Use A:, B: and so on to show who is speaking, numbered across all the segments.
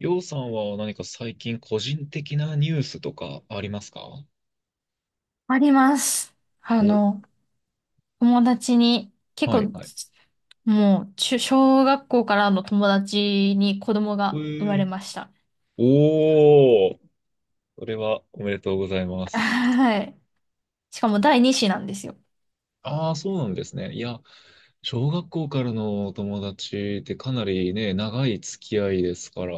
A: りょうさんは何か最近個人的なニュースとかありますか？
B: あります。あ
A: お、
B: の、友達に、結
A: はい
B: 構、
A: はい。
B: 中小学校からの友達に子供
A: え
B: が生まれ
A: ー、
B: ました。
A: おー、それはおめでとうございま す。
B: はい。しかも第二子なんですよ。
A: ああ、そうなんですね。いや、小学校からのお友達ってかなりね、長い付き合いですから、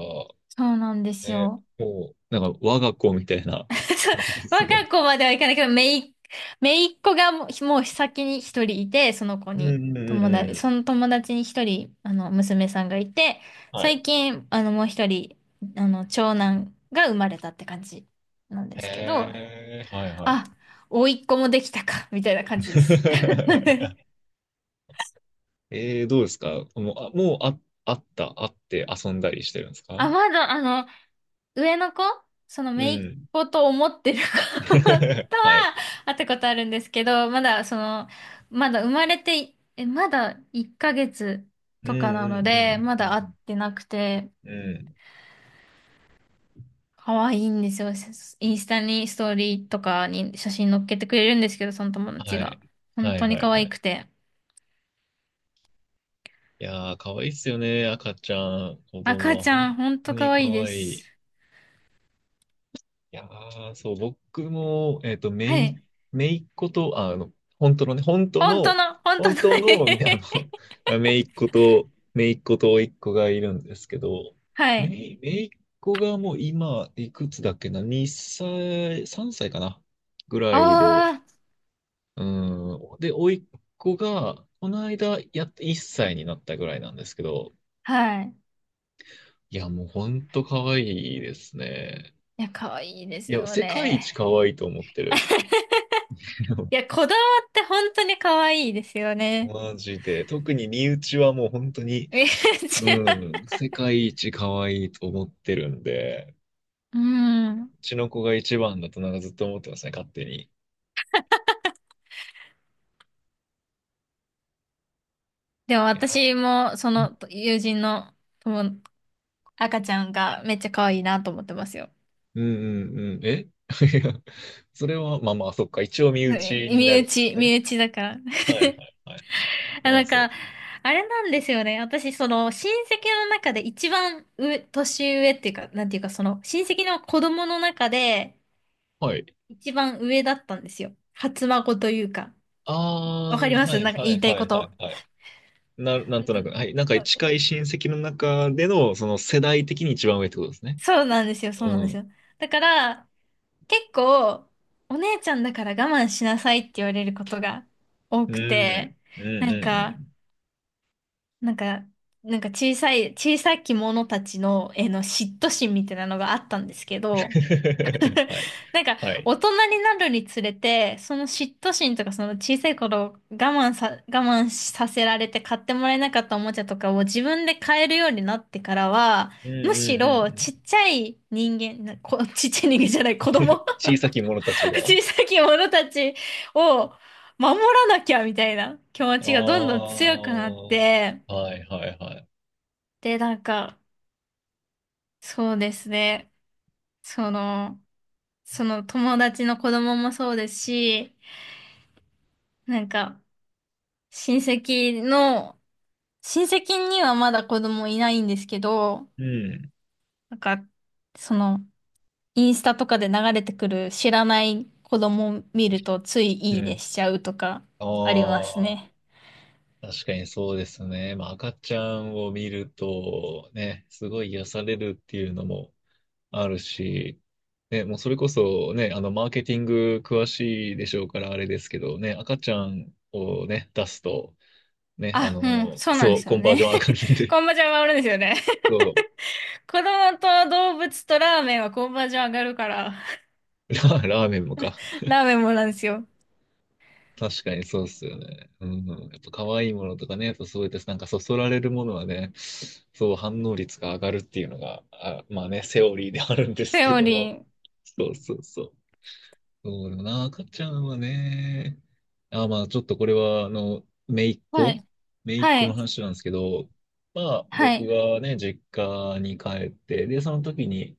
B: そうなんです
A: ね、
B: よ。
A: もう、なんか我が子みたいな 感じです
B: 若
A: ね。
B: い子まではいかないけど、めいっ子がもう先に一人いて、その子
A: う
B: に、
A: んうんうんう
B: そ
A: ん。
B: の友達に一人、娘さんがいて、
A: はい。
B: 最近、もう一人、長男が生まれたって感じなんですけど、
A: へえ、はいはい。
B: あ、甥っ子もできたか、みたいな感じです。
A: どうですかもう、あ、もうあ、あった、あって遊んだりしてるんですか？
B: あ、まだ、上の子、その
A: う
B: 姪っ
A: ん。
B: 子と思ってる子 とは
A: はい。
B: 会ったことあるんですけど、まだ、まだ生まれて、まだ1ヶ月
A: うん
B: とかな
A: う
B: の
A: んうんう
B: で、
A: ん
B: ま
A: う
B: だ会っ
A: ん
B: てなくて、
A: うん。うん。
B: 可愛いんですよ。インスタにストーリーとかに写真載っけてくれるんですけど、その友達
A: は
B: が。
A: い。
B: 本
A: は
B: 当
A: い
B: に
A: は
B: 可
A: いは
B: 愛
A: い。
B: くて。
A: いやー、可愛いっすよね、赤ちゃん。子供
B: 赤ち
A: は
B: ゃん、
A: 本
B: 本当
A: 当
B: 可
A: に可
B: 愛いで
A: 愛
B: す。
A: い。いやー、そう、僕も、
B: はい。
A: めいっ子と、本当のね、
B: 本当の、本当
A: 本
B: の
A: 当の、めいっ子と甥っ子がいるんですけど、
B: はい。
A: めいっ子がもう今、いくつだっけな、2歳、3歳かな、ぐらいで、
B: あ
A: うん、で、甥っ子が、この間、やっと1歳になったぐらいなんですけど、
B: あ、はい。
A: いや、もう本当可愛いですね。
B: いや、可愛いで
A: い
B: す
A: や、
B: よ
A: 世界一
B: ね。
A: 可愛いと思ってる。
B: い や、こだわって本当に可愛いですよね。
A: マジで。特に身内はもう本当に、
B: めっちゃ
A: うん、世界一可愛いと思ってるんで、
B: う
A: う
B: ん。
A: ちの子が一番だとなんかずっと思ってますね、勝手に。い
B: でも
A: や、
B: 私も、そ
A: うん
B: の友人の友赤ちゃんがめっちゃ可愛いなと思ってますよ。
A: うんうん。え いや、それは、そっか。一応身
B: う
A: 内
B: ん
A: に
B: 身
A: なるんです
B: 内、身
A: ね。
B: 内だから。
A: はいは いはい。
B: あ、
A: ま
B: な
A: あ
B: ん
A: そ
B: か、
A: う。
B: あれなんですよね。親戚の中で一番上、年上っていうか、なんていうか、親戚の子供の中で、
A: はい。
B: 一番上だったんですよ。初孫というか。
A: あ
B: わか
A: ー、
B: りま
A: は
B: す
A: い
B: なんか
A: は
B: 言い
A: い
B: たい
A: は
B: こ
A: いはい
B: と。
A: はい。な
B: う
A: んとな
B: ん
A: く、はい。なんか近い親戚の中での、その世代的に一番上ってことですね。
B: そうなんですよ、そう
A: う
B: なんですよ。
A: ん。
B: だから、結構、お姉ちゃんだから我慢しなさいって言われることが多
A: う
B: く
A: ん。
B: て、
A: うんうん
B: なん
A: う
B: か、
A: ん。
B: なんか、なんか小さい、小さき者たちの、えの嫉妬心みたいなのがあったんですけど、
A: はい。
B: なんか、
A: はい。
B: 大人になるにつれて、その嫉妬心とか、その小さい頃我慢させられて買ってもらえなかったおもちゃとかを自分で買えるようになってからは、
A: うんう
B: むし
A: んう
B: ろ
A: んうん
B: ちっちゃい人間、なこ、ちっちゃい人間じゃない、子供
A: 小さき者たち が。あ
B: 小さき者たちを守らなきゃみたいな気持ちがどんどん強くなって、
A: あはいはいはい。
B: で、なんか、そうですね、その、その友達の子供もそうですし、なんか、親戚の、親戚にはまだ子供いないんですけど、
A: うん。
B: なんか、その、インスタとかで流れてくる知らない子供を見るとつい
A: う
B: いいね
A: ん。
B: しちゃうとかあります
A: あ
B: ね。
A: あ、確かにそうですね。まあ、赤ちゃんを見ると、ね、すごい癒されるっていうのもあるし、ね、もうそれこそね、マーケティング詳しいでしょうからあれですけどね、赤ちゃんをね、出すと、ね、
B: あ、うん、そうなんで
A: そう、
B: す
A: コ
B: よ
A: ンバージ
B: ね。
A: ョン上がるん で、
B: コンバージョン上がるんですよね。
A: そう、
B: 子供と動物とラーメンはコンバージョン上がるから、
A: ラーメンもか。
B: ラーメンもなんですよ。
A: 確かにそうっすよね。うんうん。やっぱ可愛いものとかね、やっぱそうやってなんかそそられるものはね、そう反応率が上がるっていうのが、あ、まあね、セオリーであるんです
B: セ
A: け
B: オ
A: ど
B: リ
A: も。
B: ー。
A: そうそうそう。そうだな、赤ちゃんはね、あ、まあちょっとこれは、
B: はい。
A: 姪っ
B: は
A: 子の
B: い。
A: 話なんですけど、まあ
B: は
A: 僕
B: い。
A: がね、実家に帰って、で、その時に、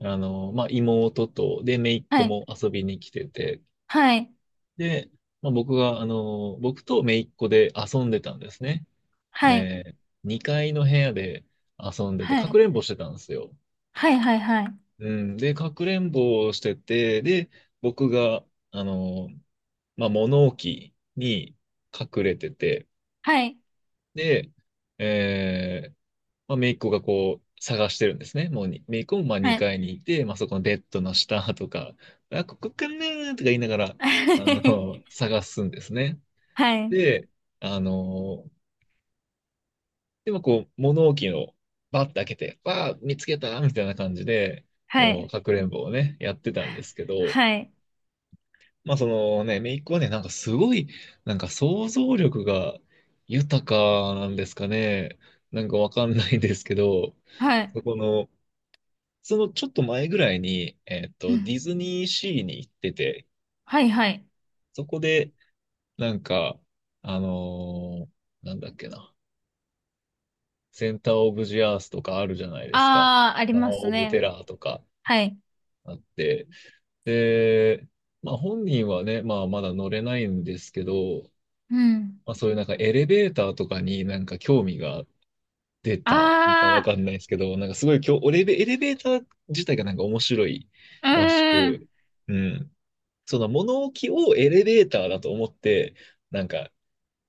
A: まあ妹と、で、姪っ子
B: はい。
A: も遊びに来てて、
B: はい。
A: で、まあ、僕が、僕と姪っ子で遊んでたんですね。
B: はい。
A: え2階の部屋で遊んでて、
B: は
A: かく
B: い。
A: れんぼしてたんですよ。
B: はい。はい。はい。
A: うん。で、かくれんぼをしてて、で、僕が、あの、まあ、物置に隠れてて、
B: はい。はい。
A: で、えー、まあ、姪っ子がこう、探してるんですね。もうに、姪っ子もまあ
B: はい。
A: 2階にいて、まあ、そこのベッドの下とか、あ、ここかなーとか言いながら、探すんですね。
B: はい。
A: で、あのーでもこう、物置をバッて開けて、わあ、見つけたみたいな感じで、
B: は
A: こう、
B: い。
A: かくれんぼをね、やってたんですけど、
B: はい。
A: まあそのね、姪っ子はね、なんかすごい、なんか想像力が豊かなんですかね。なんかわかんないですけど、
B: はい。
A: そこの、そのちょっと前ぐらいに、
B: う
A: デ
B: ん。
A: ィズニーシーに行ってて、
B: はい。はい。
A: そこで、なんか、あのーなんだっけな。センターオブジアースとかあるじゃないですか。
B: ああ、あり
A: タワー
B: ます
A: オブテ
B: ね。
A: ラーとか
B: はい。
A: あって。で、まあ本人はね、まあまだ乗れないんですけど、
B: うん。
A: まあそういうなんかエレベーターとかになんか興味が出たのかわ
B: あ
A: かんないですけど、なんかすごい今日、エレベーター自体がなんか面白い
B: あ、う
A: らし
B: ーん。
A: く、うん。その物置をエレベーターだと思って、なんか、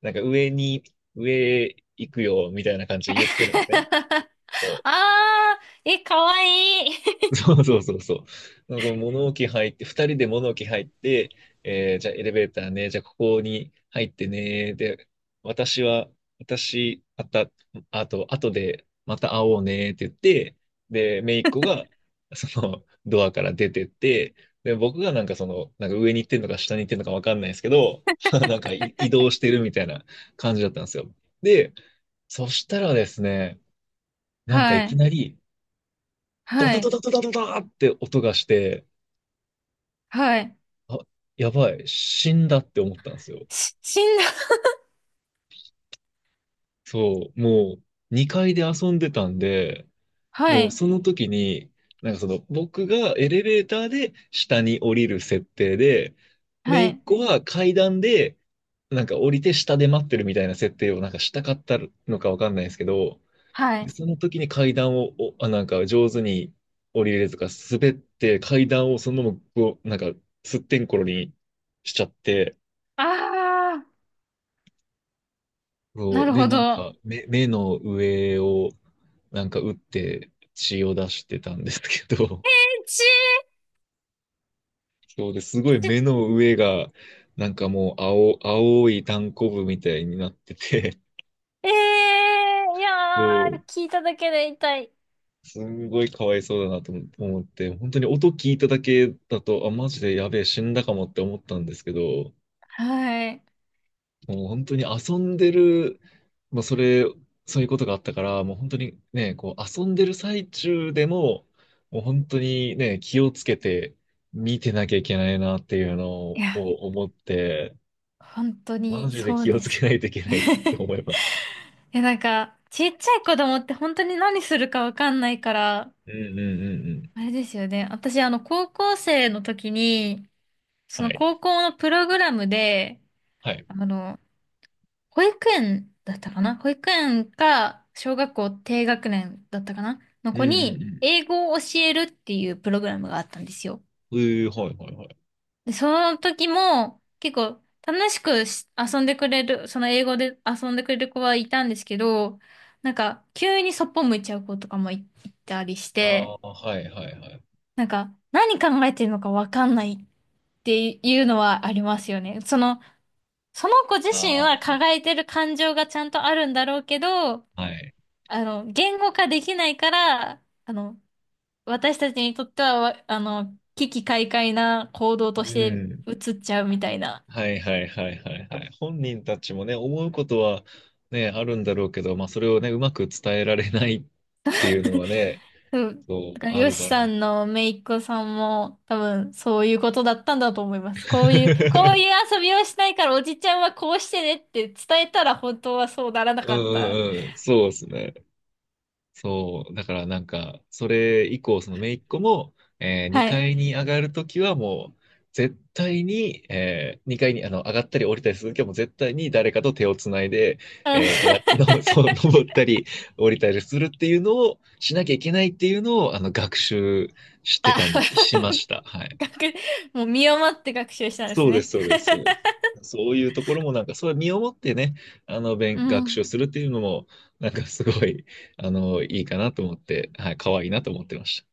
A: なんか上に、上行くよみたいな感じで言ってるんですね。そ
B: あ
A: う
B: あ、え、かわい い。
A: そうそうそうそう。なんかこう物置入って、二人で物置入って、えーじゃあエレベーターね、じゃあここに入ってね、で、私は、私、あた、あと、あとでまた会おうねって言って、で、姪っ子が、その、ドアから出てって、で、僕がなんかその、なんか上に行ってんのか下に行ってんのかわかんないですけど、なんかい移動してるみたいな感じだったんですよ。で、そしたらですね、なんかい
B: は
A: き
B: い。
A: なり、ド
B: は
A: タド
B: い。
A: タドタドタって音がして、
B: はい。
A: あ、やばい、死んだって思ったんですよ。
B: し、死んだ。
A: そう、もう2階で遊んでたんで、
B: は
A: もう
B: い。
A: その時に、なんかその僕がエレベーターで下に降りる設定で、
B: は
A: 姪っ
B: い。
A: 子は階段でなんか降りて下で待ってるみたいな設定をなんかしたかったのかわかんないですけど、
B: は
A: で、
B: い。
A: その時に階段を、なんか上手に降りれるとか、滑って階段をそのままこう、なんか、すってんころにしちゃって、
B: ああ、な
A: こう、
B: る
A: で、
B: ほど。
A: 目の上を、なんか打って血を出してたんですけど、
B: ち
A: そうですごい目の上が、なんかもう青、青いタンコブみたいになってて、
B: ええー、いや
A: そう、
B: ー、聞いただけで痛い。
A: すんごいかわいそうだなと思って、本当に音聞いただけだと、あ、マジでやべえ、死んだかもって思ったんですけど、
B: はい。
A: もう本当に遊んでる、まあ、それ、そういうことがあったから、もう本当にね、こう遊んでる最中でも、もう本当にね、気をつけて見てなきゃいけないなっていうの
B: い
A: を
B: や
A: 思って、
B: 本当
A: マ
B: に
A: ジで
B: そう
A: 気を
B: で
A: つ
B: す
A: けな
B: ね。
A: いといけないって思いました。
B: え、なんか、ちっちゃい子供って本当に何するかわかんないから、
A: うんうんうんうん。
B: あれですよね。高校生の時に、そ
A: は
B: の
A: い。
B: 高校のプログラムで、
A: はい。
B: あの、保育園だったかな保育園か、小学校低学年だったかなの
A: うん
B: 子
A: うんう
B: に、
A: ん。
B: 英語を教えるっていうプログラムがあったんですよ。
A: うー、はいはいはい。
B: で、その時も結構楽しくし遊んでくれる、その英語で遊んでくれる子はいたんですけど、なんか急にそっぽ向いちゃう子とかもい、いたりし
A: あ
B: て、
A: あ、はいはいはい。
B: なんか何考えてるのかわかんないっていうのはありますよね。その子自身は
A: あ
B: 抱えてる感情がちゃんとあるんだろうけど、
A: あ、はい。
B: 言語化できないから、私たちにとってはわ、危機快快な行動と
A: う
B: して
A: ん。
B: 映っちゃうみたいな。
A: はいはいはいはいはい。本人たちもね、思うことはね、あるんだろうけど、まあそれをね、うまく伝えられないっていうのはね、
B: うん。
A: そ
B: だ
A: う、
B: から、
A: あ
B: ヨ
A: る
B: シ
A: だろ
B: さ
A: う。
B: んの姪っ子さんも、多分、そういうことだったんだと思います。こういう、こういう 遊びをしないから、おじちゃんはこうしてねって伝えたら、本当はそうならな
A: う
B: かった。
A: んうんうん、そうですね。そう、だからなんか、それ以降、その姪っ子も、
B: は
A: 2
B: い。
A: 階に上がるときはもう、絶対に、2階に上がったり降りたりするときはもう絶対に誰かと手をつないで、
B: うん
A: えー、上がっ、の、そう、登ったり降りたりするっていうのをしなきゃいけないっていうのを、あの、学習して
B: あ、
A: たみ、し ました。はい。
B: 学もう身をもって学習したんです
A: そうで
B: ね。
A: す、そうです、そうです。そういうところもなんか、それ身をもってね、
B: う
A: 学習
B: ん。
A: するっていうのも、なんかすごい、いいかなと思って、はい、可愛いなと思ってました。